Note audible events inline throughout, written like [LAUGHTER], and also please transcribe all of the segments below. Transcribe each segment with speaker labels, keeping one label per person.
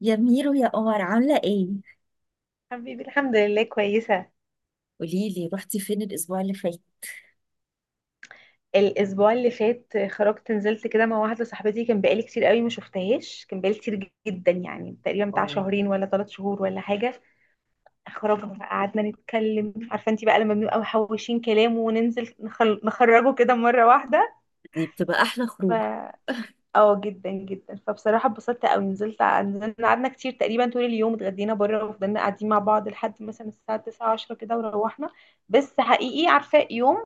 Speaker 1: يا ميرو يا قمر، عاملة ايه؟
Speaker 2: حبيبي الحمد لله كويسة.
Speaker 1: قولي لي رحتي فين الاسبوع اللي فات.
Speaker 2: الأسبوع اللي فات خرجت، نزلت كده مع واحدة صاحبتي، كان بقالي كتير قوي ما شفتهاش، كان بقالي كتير جدا، يعني تقريبا بتاع
Speaker 1: اه،
Speaker 2: شهرين ولا ثلاث شهور ولا حاجة. خرجنا بقى، قعدنا نتكلم، عارفة انتي بقى لما بنبقى محوشين كلام وننزل نخرجه كده مرة
Speaker 1: دي بتبقى احلى خروج.
Speaker 2: واحدة. اه، جدا جدا، فبصراحة اتبسطت قوي، نزلت، نزلنا قعدنا كتير، تقريبا طول اليوم اتغدينا بره وفضلنا قاعدين مع بعض لحد مثلا الساعة 9 10 كده وروحنا. بس حقيقي عارفة، يوم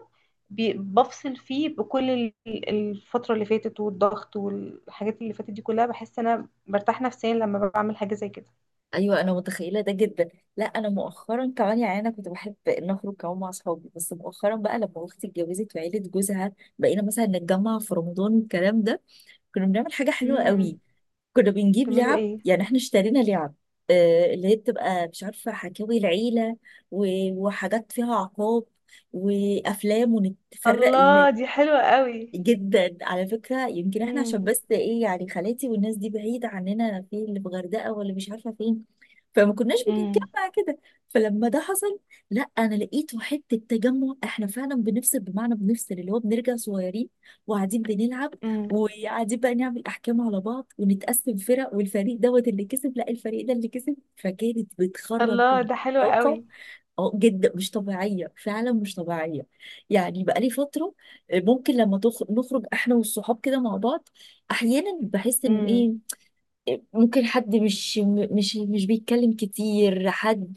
Speaker 2: بفصل فيه بكل الفترة اللي فاتت، والضغط والحاجات اللي فاتت دي كلها، بحس انا برتاح نفسيا لما بعمل حاجة زي كده.
Speaker 1: ايوه، انا متخيله ده جدا. لا انا مؤخرا كمان، يعني انا كنت بحب ان اخرج كمان مع اصحابي، بس مؤخرا بقى لما اختي اتجوزت وعيله جوزها، بقينا مثلا نتجمع في رمضان والكلام ده. كنا بنعمل حاجه حلوه
Speaker 2: امم.
Speaker 1: قوي، كنا بنجيب
Speaker 2: بتعملوا
Speaker 1: لعب.
Speaker 2: ايه؟
Speaker 1: يعني احنا اشترينا لعب، آه، اللي هي بتبقى مش عارفه حكاوي العيله وحاجات فيها عقاب، وافلام، ونتفرق.
Speaker 2: الله، دي حلوة قوي.
Speaker 1: جدا على فكرة. يمكن احنا
Speaker 2: امم.
Speaker 1: عشان بس ايه، يعني خالاتي والناس دي بعيدة عننا، في اللي في غردقة ولا مش عارفة فين. فما كناش
Speaker 2: امم.
Speaker 1: بنتجمع كده. فلما ده حصل، لا انا لقيته حتة تجمع. احنا فعلا بنفصل، بمعنى بنفصل، اللي هو بنرجع صغيرين وقاعدين بنلعب،
Speaker 2: امم.
Speaker 1: وقاعدين بقى نعمل احكام على بعض ونتقسم فرق، والفريق دوت اللي كسب، لا الفريق ده اللي كسب، فكانت بتخرج
Speaker 2: الله، ده حلو
Speaker 1: طاقة.
Speaker 2: قوي.
Speaker 1: اه جدا، مش طبيعية، فعلا مش طبيعية. يعني بقالي فترة، ممكن لما نخرج احنا والصحاب كده مع بعض، احيانا بحس ان ايه، ممكن حد مش م- مش مش بيتكلم كتير، حد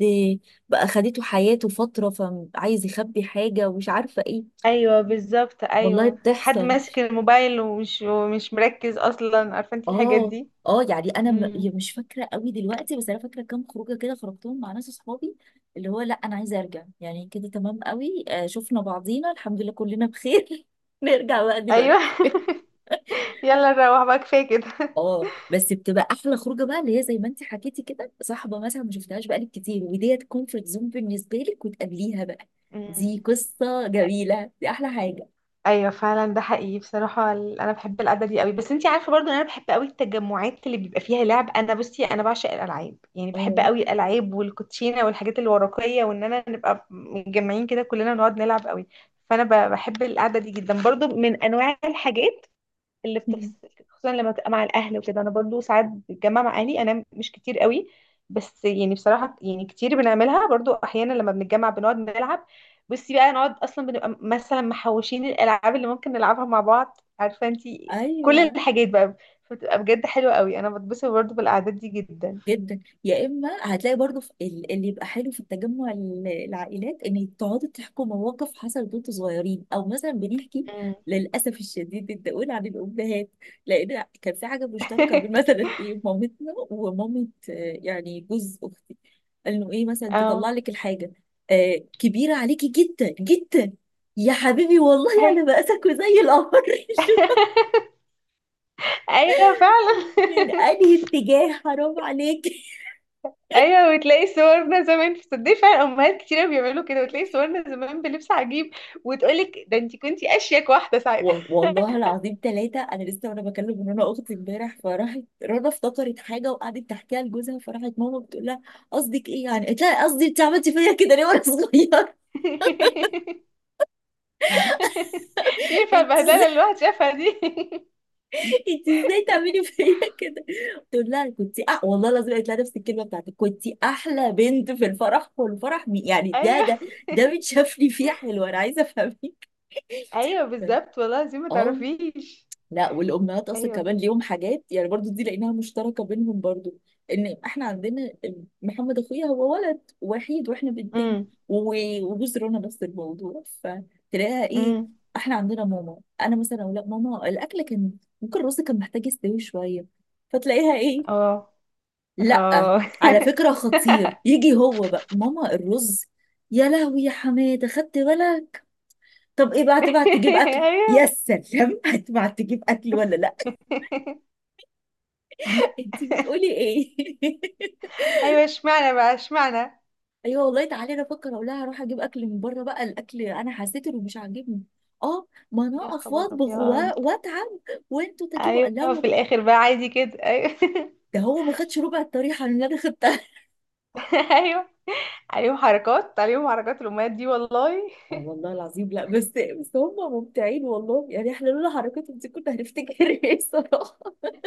Speaker 1: بقى خدته حياته فترة، فعايز يخبي حاجة ومش عارفة ايه.
Speaker 2: ايوه بالظبط،
Speaker 1: والله
Speaker 2: ايوه، حد
Speaker 1: بتحصل.
Speaker 2: ماسك الموبايل ومش مركز اصلا، عارفه انت الحاجات
Speaker 1: اه
Speaker 2: دي.
Speaker 1: اه. يعني انا
Speaker 2: امم.
Speaker 1: يا مش فاكره قوي دلوقتي، بس انا فاكره كام خروجه كده خرجتهم مع ناس اصحابي، اللي هو لا انا عايزه ارجع، يعني كده تمام قوي. شفنا بعضينا الحمد لله كلنا بخير، [LAUGHS] نرجع بقى
Speaker 2: ايوه.
Speaker 1: دلوقتي. [LAUGHS]
Speaker 2: [LAUGHS] يلا نروح بقى، كفايه كده.
Speaker 1: اه، بس بتبقى احلى خروجه بقى، اللي هي زي ما انت حكيتي كده، صاحبه مثلا ما شفتهاش بقالك كتير، وديت كومفورت زون بالنسبه لك، وتقابليها بقى. دي
Speaker 2: أمم.
Speaker 1: قصه جميله، دي احلى حاجه.
Speaker 2: ايوه فعلا، ده حقيقي بصراحه، انا بحب القعده دي قوي، بس انت عارفه برضو ان انا بحب قوي التجمعات اللي بيبقى فيها لعب. انا بصي، انا بعشق الالعاب، يعني بحب
Speaker 1: اه.
Speaker 2: قوي الالعاب والكوتشينه والحاجات الورقيه، وان انا نبقى متجمعين كده كلنا نقعد نلعب قوي. فانا بحب القعده دي جدا برضو، من انواع الحاجات اللي بتفصل،
Speaker 1: [LAUGHS]
Speaker 2: خصوصا لما بتبقى مع الاهل وكده. انا برضو ساعات بتجمع مع اهلي، انا مش كتير قوي، بس يعني بصراحه يعني كتير بنعملها برضو، احيانا لما بنتجمع بنقعد نلعب. بصي بقى، نقعد اصلا بنبقى مثلا محوشين الالعاب اللي ممكن نلعبها مع بعض، عارفه انتي كل
Speaker 1: ايوه
Speaker 2: الحاجات بقى. فبتبقى بجد حلوه قوي، انا بتبسط برضو بالاعداد دي جدا.
Speaker 1: جدا. يا اما هتلاقي برضو في اللي يبقى حلو في التجمع، العائلات ان تقعدوا تحكوا مواقف حصلت وانتوا صغيرين، او مثلا بنحكي،
Speaker 2: مم.
Speaker 1: للاسف الشديد بدي اقول، عن الامهات. لان كان في حاجه مشتركه بين
Speaker 2: [LAUGHS]
Speaker 1: مثلا ايه، مامتنا ومامه، يعني جوز اختي، انه ايه، مثلا
Speaker 2: اه.
Speaker 1: تطلع لك الحاجه، آه، كبيره عليكي جدا جدا. يا حبيبي، والله على
Speaker 2: أيوة.
Speaker 1: مقاسك وزي القمر. [LAUGHS] شوف
Speaker 2: [LAUGHS] ايوه فعلا.
Speaker 1: من
Speaker 2: [LAUGHS]
Speaker 1: انهي اتجاه، حرام عليك.
Speaker 2: ايوه، وتلاقي صورنا زمان، تصدقي فعلا امهات كتير بيعملوا كده، وتلاقي صورنا زمان بلبس عجيب، وتقولك ده انت كنتي اشيك واحده ساعتها.
Speaker 1: والله العظيم ثلاثة، أنا لسه وأنا بكلم رنا أختي امبارح، فراحت رنا افتكرت حاجة وقعدت تحكيها لجوزها، فراحت ماما بتقول لها، قصدك إيه يعني؟ قلت لها قصدي، أنت عملتي فيا كده ليه وأنا صغير؟ [LAUGHS]
Speaker 2: [LAUGHS] ينفع
Speaker 1: أنت
Speaker 2: البهدله
Speaker 1: إزاي،
Speaker 2: اللي الواحد شافها دي؟
Speaker 1: أنت إزاي تعملي
Speaker 2: [LAUGHS]
Speaker 1: فيا كده؟ بتقول لها كنت والله العظيم قالت لها نفس الكلمة بتاعتك، كنت أحلى بنت في الفرح، والفرح يعني ده
Speaker 2: ايوه،
Speaker 1: ده، ده متشاف لي فيه حلو، أنا عايزة أفهمك.
Speaker 2: ايوه بالظبط والله، زي ما
Speaker 1: آه.
Speaker 2: تعرفيش.
Speaker 1: لا، والامهات اصلا كمان
Speaker 2: ايوه.
Speaker 1: ليهم حاجات يعني، برضو دي لقيناها مشتركه بينهم برضو، ان احنا عندنا محمد اخويا، هو ولد وحيد واحنا بنتين،
Speaker 2: امم.
Speaker 1: وجوز رنا نفس الموضوع، فتلاقيها ايه،
Speaker 2: امم.
Speaker 1: احنا عندنا ماما، انا مثلا اقول لها ماما الاكل كان، ممكن الرز كان محتاج يستوي شويه، فتلاقيها ايه،
Speaker 2: اه.
Speaker 1: لا
Speaker 2: اه.
Speaker 1: على فكره خطير، يجي هو بقى، ماما الرز، يا لهوي يا حماده خدت بالك؟ طب ايه بقى، هتبعت تجيب
Speaker 2: [LAUGHS]
Speaker 1: اكل، يا
Speaker 2: ايوه.
Speaker 1: سلام. [LAUGHS] هتبعت تجيب اكل ولا لا؟ انتي بتقولي ايه؟ [LAUGHS]
Speaker 2: ايوه، اشمعنى بقى، اشمعنى.
Speaker 1: ايوه والله. تعالي انا افكر اقول لها اروح اجيب اكل من بره بقى، الاكل انا حسيت انه مش عاجبني، اه، ما انا
Speaker 2: يا
Speaker 1: اقف
Speaker 2: خبر
Speaker 1: واطبخ
Speaker 2: ابيض.
Speaker 1: واتعب، وانتوا تجيبوا، قال لها
Speaker 2: ايوه، في
Speaker 1: هو-،
Speaker 2: الاخر بقى عادي كده، ايوه. [LAUGHS]
Speaker 1: ده هو ما خدش ربع الطريحه اللي انا خدتها.
Speaker 2: [LAUGHS] ايوه، عليهم حركات، عليهم حركات الامهات دي والله.
Speaker 1: اه والله العظيم، لا بس، بس هم ممتعين والله، يعني احنا لولا حركاتهم دي كنا هنفتكر ايه الصراحه.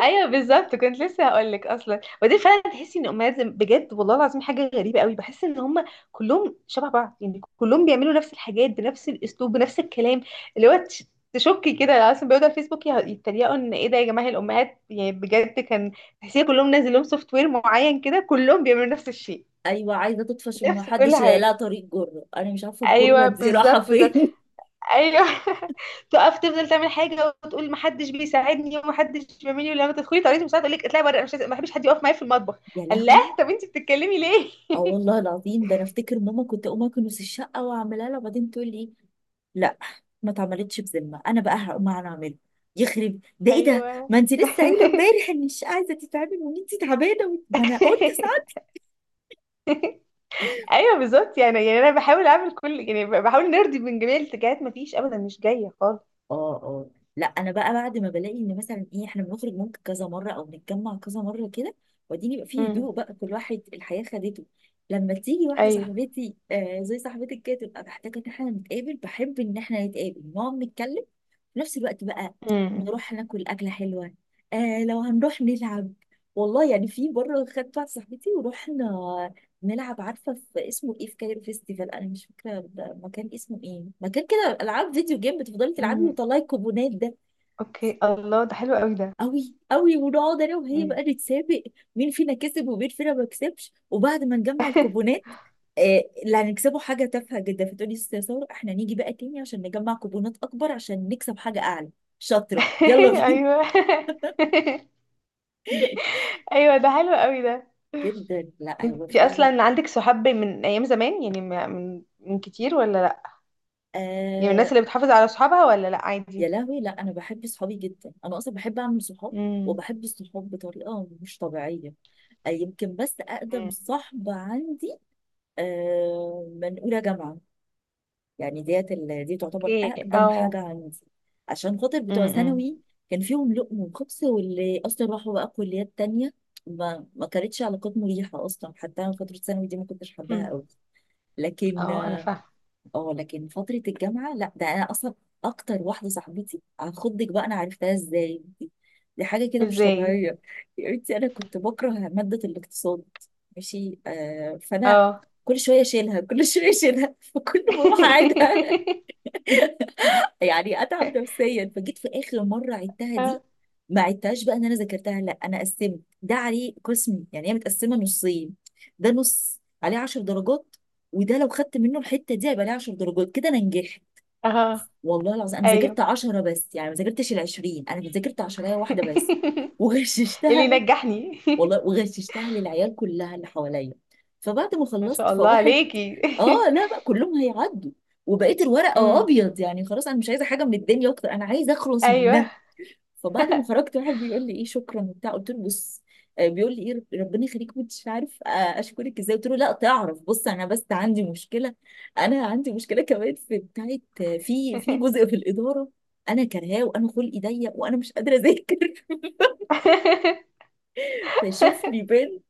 Speaker 2: ايوه بالظبط، كنت لسه هقول لك اصلا، ودي فعلا تحسي ان الامهات بجد والله العظيم حاجه غريبه قوي، بحس ان هم كلهم شبه بعض، يعني كلهم بيعملوا نفس الحاجات بنفس الاسلوب بنفس الكلام، اللي هو تشكي كده. اصلا بيقعدوا على الفيسبوك يتريقوا ان ايه ده يا جماعه، الامهات يعني بجد، كان تحسيه كلهم نازل لهم سوفت وير معين كده، كلهم بيعملوا نفس الشيء،
Speaker 1: ايوه، عايزه تطفش، وما
Speaker 2: نفس كل
Speaker 1: حدش، لا
Speaker 2: حاجه.
Speaker 1: طريق جره، انا مش عارفه الجره
Speaker 2: ايوه
Speaker 1: دي رايحه
Speaker 2: بالظبط، بالظبط.
Speaker 1: فين.
Speaker 2: ايوه. [LAUGHS] تقف تفضل تعمل حاجه وتقول محدش بيساعدني ومحدش بيعملي، ولما تدخلي طريقه المساعده تقول لك اطلعي بره، انا مش عايزة- ما بحبش حد يقف معايا في المطبخ.
Speaker 1: [LAUGHS] يا
Speaker 2: الله
Speaker 1: لهوي.
Speaker 2: طب انت بتتكلمي ليه؟
Speaker 1: اه
Speaker 2: [LAUGHS]
Speaker 1: والله العظيم، ده انا افتكر ماما كنت اقوم اكنس الشقه واعملها لها، وبعدين تقول لي إيه؟ لا، ما اتعملتش بذمه، انا بقى هقوم انا اعمله، يخرب ده ايه ده،
Speaker 2: ايوه.
Speaker 1: ما انت لسه قايله
Speaker 2: [LAUGHS]
Speaker 1: امبارح ان الشقه عايزه تتعمل وان انت تعبانه، ما انا قلت.
Speaker 2: ايوه بالظبط، يعني انا بحاول اعمل كل، يعني بحاول نرضي من جميع الاتجاهات، ما فيش ابدا، مش جايه خالص.
Speaker 1: اه اه. لا انا بقى بعد ما بلاقي ان مثلا ايه، احنا بنخرج ممكن كذا مره، او بنتجمع كذا مره كده، وبعدين يبقى فيه
Speaker 2: امم.
Speaker 1: هدوء بقى، كل واحد الحياه خدته، لما تيجي واحده
Speaker 2: ايوه.
Speaker 1: صاحبتي، آه زي صاحبتك كده، تبقى محتاجه ان احنا نتقابل، بحب ان احنا نتقابل نقعد نتكلم، في نفس الوقت بقى
Speaker 2: امم.
Speaker 1: نروح ناكل اكله حلوه، آه لو هنروح نلعب. والله يعني في مره خدت واحده صاحبتي ورحنا نلعب، عارفه في اسمه ايه، في كايرو فيستيفال، انا مش فاكره المكان اسمه ايه، مكان العاب فيديو جيم بتفضلي تلعبي
Speaker 2: امم.
Speaker 1: وطلعي الكوبونات ده،
Speaker 2: اوكي، الله، ده حلو قوي ده.
Speaker 1: قوي قوي، ونقعد انا وهي بقى
Speaker 2: امم.
Speaker 1: نتسابق، مين فينا كسب ومين فينا ما كسبش، وبعد ما نجمع
Speaker 2: [LAUGHS]
Speaker 1: الكوبونات، آه، اللي هنكسبه حاجه تافهه جدا، فتقولي يا ست ساره، احنا نيجي بقى تاني عشان نجمع كوبونات اكبر عشان نكسب حاجه اعلى، شاطره، يلا بينا.
Speaker 2: ايوه. [LAUGHS]
Speaker 1: [LAUGHS]
Speaker 2: ايوه، ده حلو قوي ده.
Speaker 1: جدا. لا هو
Speaker 2: انت
Speaker 1: فعلا.
Speaker 2: اصلا عندك صحاب من ايام زمان؟ يعني من كتير ولا لا؟ يعني
Speaker 1: آه.
Speaker 2: الناس اللي بتحافظ على صحابها ولا لا
Speaker 1: يا
Speaker 2: عادي؟
Speaker 1: لهوي، لا انا بحب صحابي جدا، انا اصلا بحب اعمل صحاب،
Speaker 2: امم.
Speaker 1: وبحب الصحاب بطريقه مش طبيعيه. يمكن بس اقدم
Speaker 2: امم.
Speaker 1: صاحبه عندي، من اولى جامعه، يعني ديت دي تعتبر
Speaker 2: اوكي،
Speaker 1: اقدم حاجه
Speaker 2: اه.
Speaker 1: عندي. عشان خاطر بتوع
Speaker 2: امم.
Speaker 1: ثانوي، كان فيهم لقم وخبز، واللي اصلا راحوا بقى كليات تانية، ما كانتش علاقات مريحه اصلا، حتى انا فتره ثانوي دي ما كنتش حباها
Speaker 2: امم.
Speaker 1: قوي. لكن،
Speaker 2: اه، انا فاهمه.
Speaker 1: اه، لكن فترة الجامعة، لا ده انا اصلا اكتر واحدة صاحبتي عن خدك بقى، انا عرفتها ازاي دي، دي حاجة كده مش
Speaker 2: ازاي؟
Speaker 1: طبيعية. يا بنتي انا كنت بكره مادة الاقتصاد، ماشي، آه، فانا
Speaker 2: اه.
Speaker 1: كل شوية اشيلها، كل [LAUGHS] شوية اشيلها، فكل ما اروح اعيدها، [LAUGHS]
Speaker 2: [LAUGHS]
Speaker 1: يعني اتعب نفسيا. فجيت في اخر مرة عدتها
Speaker 2: اه.
Speaker 1: دي، ما عدتهاش بقى ان انا ذاكرتها، لا انا قسمت ده عليه قسم، يعني هي متقسمة نصين، ده نص عليه 10 درجات، وده لو خدت منه الحتة دي هيبقى عليه 10 درجات، كده انا نجحت.
Speaker 2: اه.
Speaker 1: والله العظيم انا
Speaker 2: ايوه.
Speaker 1: ذاكرت 10 بس، يعني ما ذاكرتش ال 20، انا ذاكرت 10 هي واحده بس، [LAUGHS]
Speaker 2: [LAUGHS] اللي
Speaker 1: وغششتها،
Speaker 2: نجحني.
Speaker 1: والله وغششتها للعيال كلها اللي حواليا. فبعد ما
Speaker 2: [LAUGHS] ما
Speaker 1: خلصت
Speaker 2: شاء الله
Speaker 1: فواحد،
Speaker 2: عليكي.
Speaker 1: اه
Speaker 2: [LAUGHS]
Speaker 1: لا بقى كلهم هيعدوا، وبقيت الورقه
Speaker 2: امم.
Speaker 1: ابيض، يعني خلاص انا مش عايزه حاجه من الدنيا اكتر، انا عايزه اخلص
Speaker 2: ايوه.
Speaker 1: منها. فبعد ما خرجت، واحد بيقول لي ايه، شكرا وبتاع، قلت له بص، بيقول لي ايه، ربنا يخليك مش عارف اشكرك ازاي، قلت له لا تعرف بص، انا بس عندي مشكله، انا عندي مشكله كمان في بتاعت، في
Speaker 2: [LAUGHS]
Speaker 1: جزء في الاداره، انا كرهاه وانا خلقي ضيق وانا مش قادره اذاكر، [LAUGHS] فشوف لي،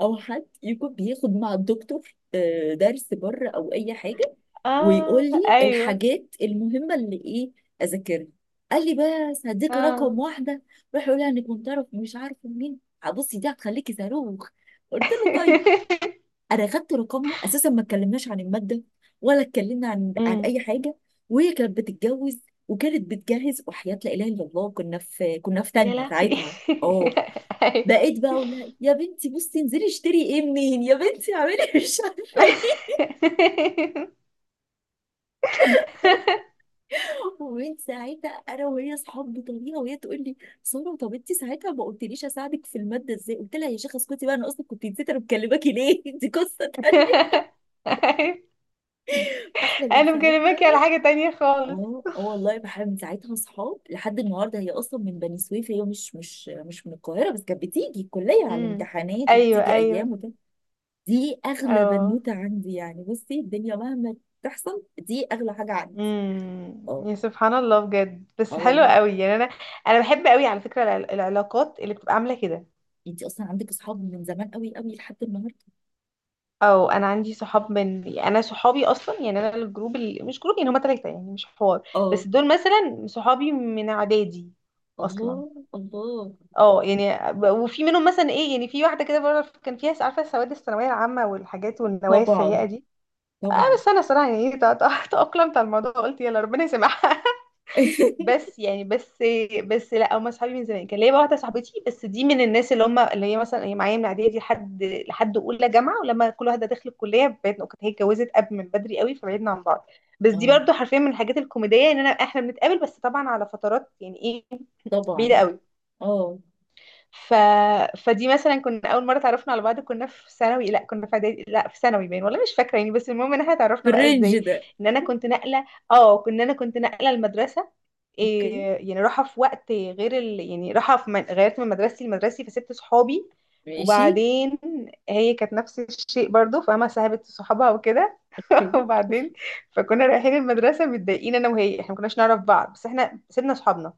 Speaker 1: او حد يكون بياخد مع الدكتور درس بره او اي حاجه، ويقول
Speaker 2: اه،
Speaker 1: لي
Speaker 2: ايوه،
Speaker 1: الحاجات المهمه اللي ايه اذاكرها. قال لي بس هديك
Speaker 2: اه.
Speaker 1: رقم واحده، روح يقول لها انك كنت تعرف مش عارفه مين، بصي دي هتخليكي صاروخ، قلت له طيب.
Speaker 2: [LAUGHS]
Speaker 1: انا خدت رقمها اساسا، ما اتكلمناش عن الماده، ولا اتكلمنا عن
Speaker 2: امم.
Speaker 1: اي حاجه، وهي كانت بتتجوز، وكانت بتجهز، وحياه لا اله الا الله كنا في، كنا في
Speaker 2: يا
Speaker 1: تانية
Speaker 2: لهوي. [LAUGHS]
Speaker 1: ساعتها. اه.
Speaker 2: أيوة.
Speaker 1: بقيت بقى اقول لها يا بنتي بصي انزلي اشتري ايه منين، يا بنتي اعملي، [LAUGHS] مش عارفه ايه. ومن ساعتها انا وهي اصحاب بطريقه، وهي تقول لي، ساره طب انت ساعتها ما قلتليش اساعدك في الماده ازاي، قلت لها يا شيخه اسكتي بقى، انا اصلا كنت نسيت انا مكلماكي ليه، [LAUGHS] دي قصه تانيه.
Speaker 2: أيوة.
Speaker 1: فاحنا من
Speaker 2: انا مكلمك
Speaker 1: ساعتها،
Speaker 2: على حاجة تانية خالص.
Speaker 1: اه اه والله بحب، من ساعتها اصحاب لحد النهارده، هي اصلا من بني سويف، هي مش من القاهره، بس كانت بتيجي الكليه على
Speaker 2: امم.
Speaker 1: الامتحانات
Speaker 2: ايوه.
Speaker 1: وبتيجي
Speaker 2: ايوه.
Speaker 1: ايام، دي اغلى
Speaker 2: اه.
Speaker 1: بنوته عندي يعني، بصي الدنيا مهما تحصل دي اغلى حاجه عندي.
Speaker 2: امم.
Speaker 1: اه
Speaker 2: يا سبحان الله بجد،
Speaker 1: اه
Speaker 2: بس حلو
Speaker 1: والله.
Speaker 2: قوي، يعني انا، انا بحب قوي على فكرة العلاقات اللي بتبقى عاملة كده.
Speaker 1: انت اصلا عندك اصحاب من زمان قوي قوي لحد النهارده.
Speaker 2: او انا عندي صحاب من، انا صحابي اصلا يعني، انا الجروب مش جروب يعني، هما تلاتة يعني مش حوار،
Speaker 1: اه.
Speaker 2: بس دول مثلا صحابي من اعدادي اصلا.
Speaker 1: الله الله.
Speaker 2: اه يعني وفي منهم مثلا ايه، يعني في واحده كده بره كان فيها، عارفه سواد الثانويه العامه والحاجات والنوايا
Speaker 1: طبعا
Speaker 2: السيئه دي. اه
Speaker 1: طبعا.
Speaker 2: بس انا صراحه يعني، تاقلمت على الموضوع، قلت يلا ربنا يسامحها. [LAUGHS]
Speaker 1: [LAUGHS]
Speaker 2: بس يعني، بس لا، هم اصحابي من زمان. كان ليا بقى واحده صاحبتي، بس دي من الناس اللي هم، اللي هي مثلا هي معايا من اعدادي دي لحد اولى جامعه، ولما كل واحده دخلت الكليه بعدنا، كانت هي اتجوزت قبل من بدري قوي فبعدنا عن بعض. بس دي
Speaker 1: اه.
Speaker 2: برضو حرفيا من الحاجات الكوميديه ان انا، احنا بنتقابل بس طبعا على فترات، يعني ايه بعيده
Speaker 1: طبعا.
Speaker 2: قوي.
Speaker 1: اه.
Speaker 2: ف... فدي مثلا كنا اول مره اتعرفنا على بعض كنا في ثانوي، لا كنا في اعدادي، لا في ثانوي باين والله مش فاكره يعني. بس المهم ان احنا
Speaker 1: في
Speaker 2: اتعرفنا بقى
Speaker 1: الرينج
Speaker 2: ازاي،
Speaker 1: ده.
Speaker 2: ان انا كنت نقله، اه كنا، انا كنت نقله المدرسه. إيه،
Speaker 1: اوكي.
Speaker 2: يعني راحه في وقت غير يعني راحه في غيرت من مدرستي لمدرستي، فسبت صحابي.
Speaker 1: ماشي.
Speaker 2: وبعدين هي كانت نفس الشيء برضو، فاهمة؟ سحبت صحابها وكده. [LAUGHS]
Speaker 1: اوكي.
Speaker 2: وبعدين، فكنا رايحين المدرسة متضايقين انا وهي، احنا ما كناش نعرف بعض، بس احنا سيبنا صحابنا.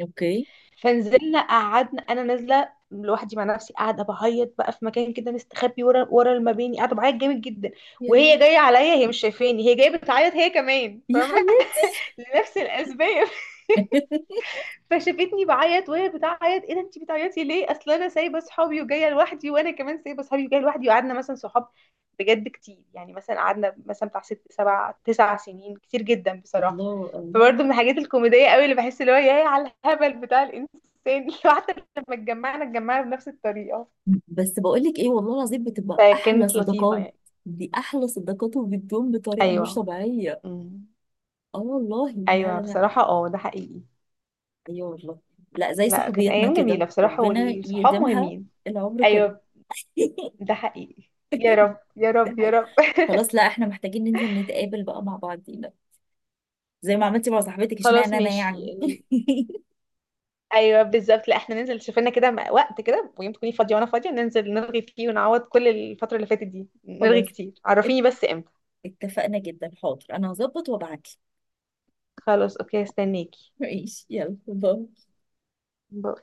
Speaker 1: اوكي.
Speaker 2: فنزلنا قعدنا، انا نازله لوحدي مع نفسي قاعده بعيط بقى في مكان كده مستخبي ورا ورا المباني، قاعده بعيط جامد جدا.
Speaker 1: يا
Speaker 2: وهي
Speaker 1: روح.
Speaker 2: جايه عليا، هي مش شايفاني، هي جايه بتعيط هي كمان،
Speaker 1: يا
Speaker 2: فاهمه؟
Speaker 1: حياتي.
Speaker 2: [LAUGHS] لنفس الاسباب.
Speaker 1: [LAUGHS]
Speaker 2: فشافتني بعيط وهي بتعيط، ايه ده انت بتعيطي ليه؟ اصل انا سايبه صحابي وجايه لوحدي، وانا كمان سايبه صحابي وجايه لوحدي. وقعدنا مثلا صحاب بجد كتير، يعني مثلا قعدنا مثلا بتاع ست سبع تسع سنين، كتير جدا بصراحه.
Speaker 1: الله الله.
Speaker 2: فبرضه من الحاجات الكوميديه قوي اللي بحس، اللي هو يا على الهبل بتاع الانسان. [LAUGHS] حتى لما اتجمعنا بنفس الطريقه،
Speaker 1: بس بقول لك ايه، والله العظيم بتبقى احلى
Speaker 2: فكانت لطيفه
Speaker 1: صداقات،
Speaker 2: يعني.
Speaker 1: دي احلى صداقات، وبتدوم بطريقه مش
Speaker 2: ايوه.
Speaker 1: طبيعيه.
Speaker 2: أمم.
Speaker 1: اه والله. لا
Speaker 2: ايوه
Speaker 1: لا لا.
Speaker 2: بصراحه، اه ده حقيقي.
Speaker 1: ايوه والله. لا زي
Speaker 2: لا كانت
Speaker 1: صحوبيتنا
Speaker 2: ايام
Speaker 1: كده
Speaker 2: جميله بصراحه،
Speaker 1: ربنا
Speaker 2: والصحاب
Speaker 1: يديمها
Speaker 2: مهمين.
Speaker 1: العمر كله.
Speaker 2: ايوه.
Speaker 1: [LAUGHS]
Speaker 2: ده حقيقي. يا رب يا
Speaker 1: ده
Speaker 2: رب يا
Speaker 1: حقيقي.
Speaker 2: رب.
Speaker 1: خلاص لا احنا محتاجين ننزل نتقابل بقى مع بعضينا، زي ما عملتي مع صاحبتك،
Speaker 2: خلاص
Speaker 1: اشمعنى انا
Speaker 2: ماشي.
Speaker 1: يعني.
Speaker 2: ايوه بالظبط، لا احنا ننزل، شوف لنا كده وقت كده ويوم تكوني فاضيه وانا فاضيه ننزل نلغي فيه، ونعوض كل الفتره اللي فاتت دي،
Speaker 1: [LAUGHS]
Speaker 2: نلغي
Speaker 1: خلاص.
Speaker 2: كتير،
Speaker 1: ات-
Speaker 2: عرفيني بس امتى.
Speaker 1: اتفقنا جدا، حاضر انا هظبط وابعتلك.
Speaker 2: خلاص اوكي، استناكي.
Speaker 1: ماشي، يلا باي.
Speaker 2: باي.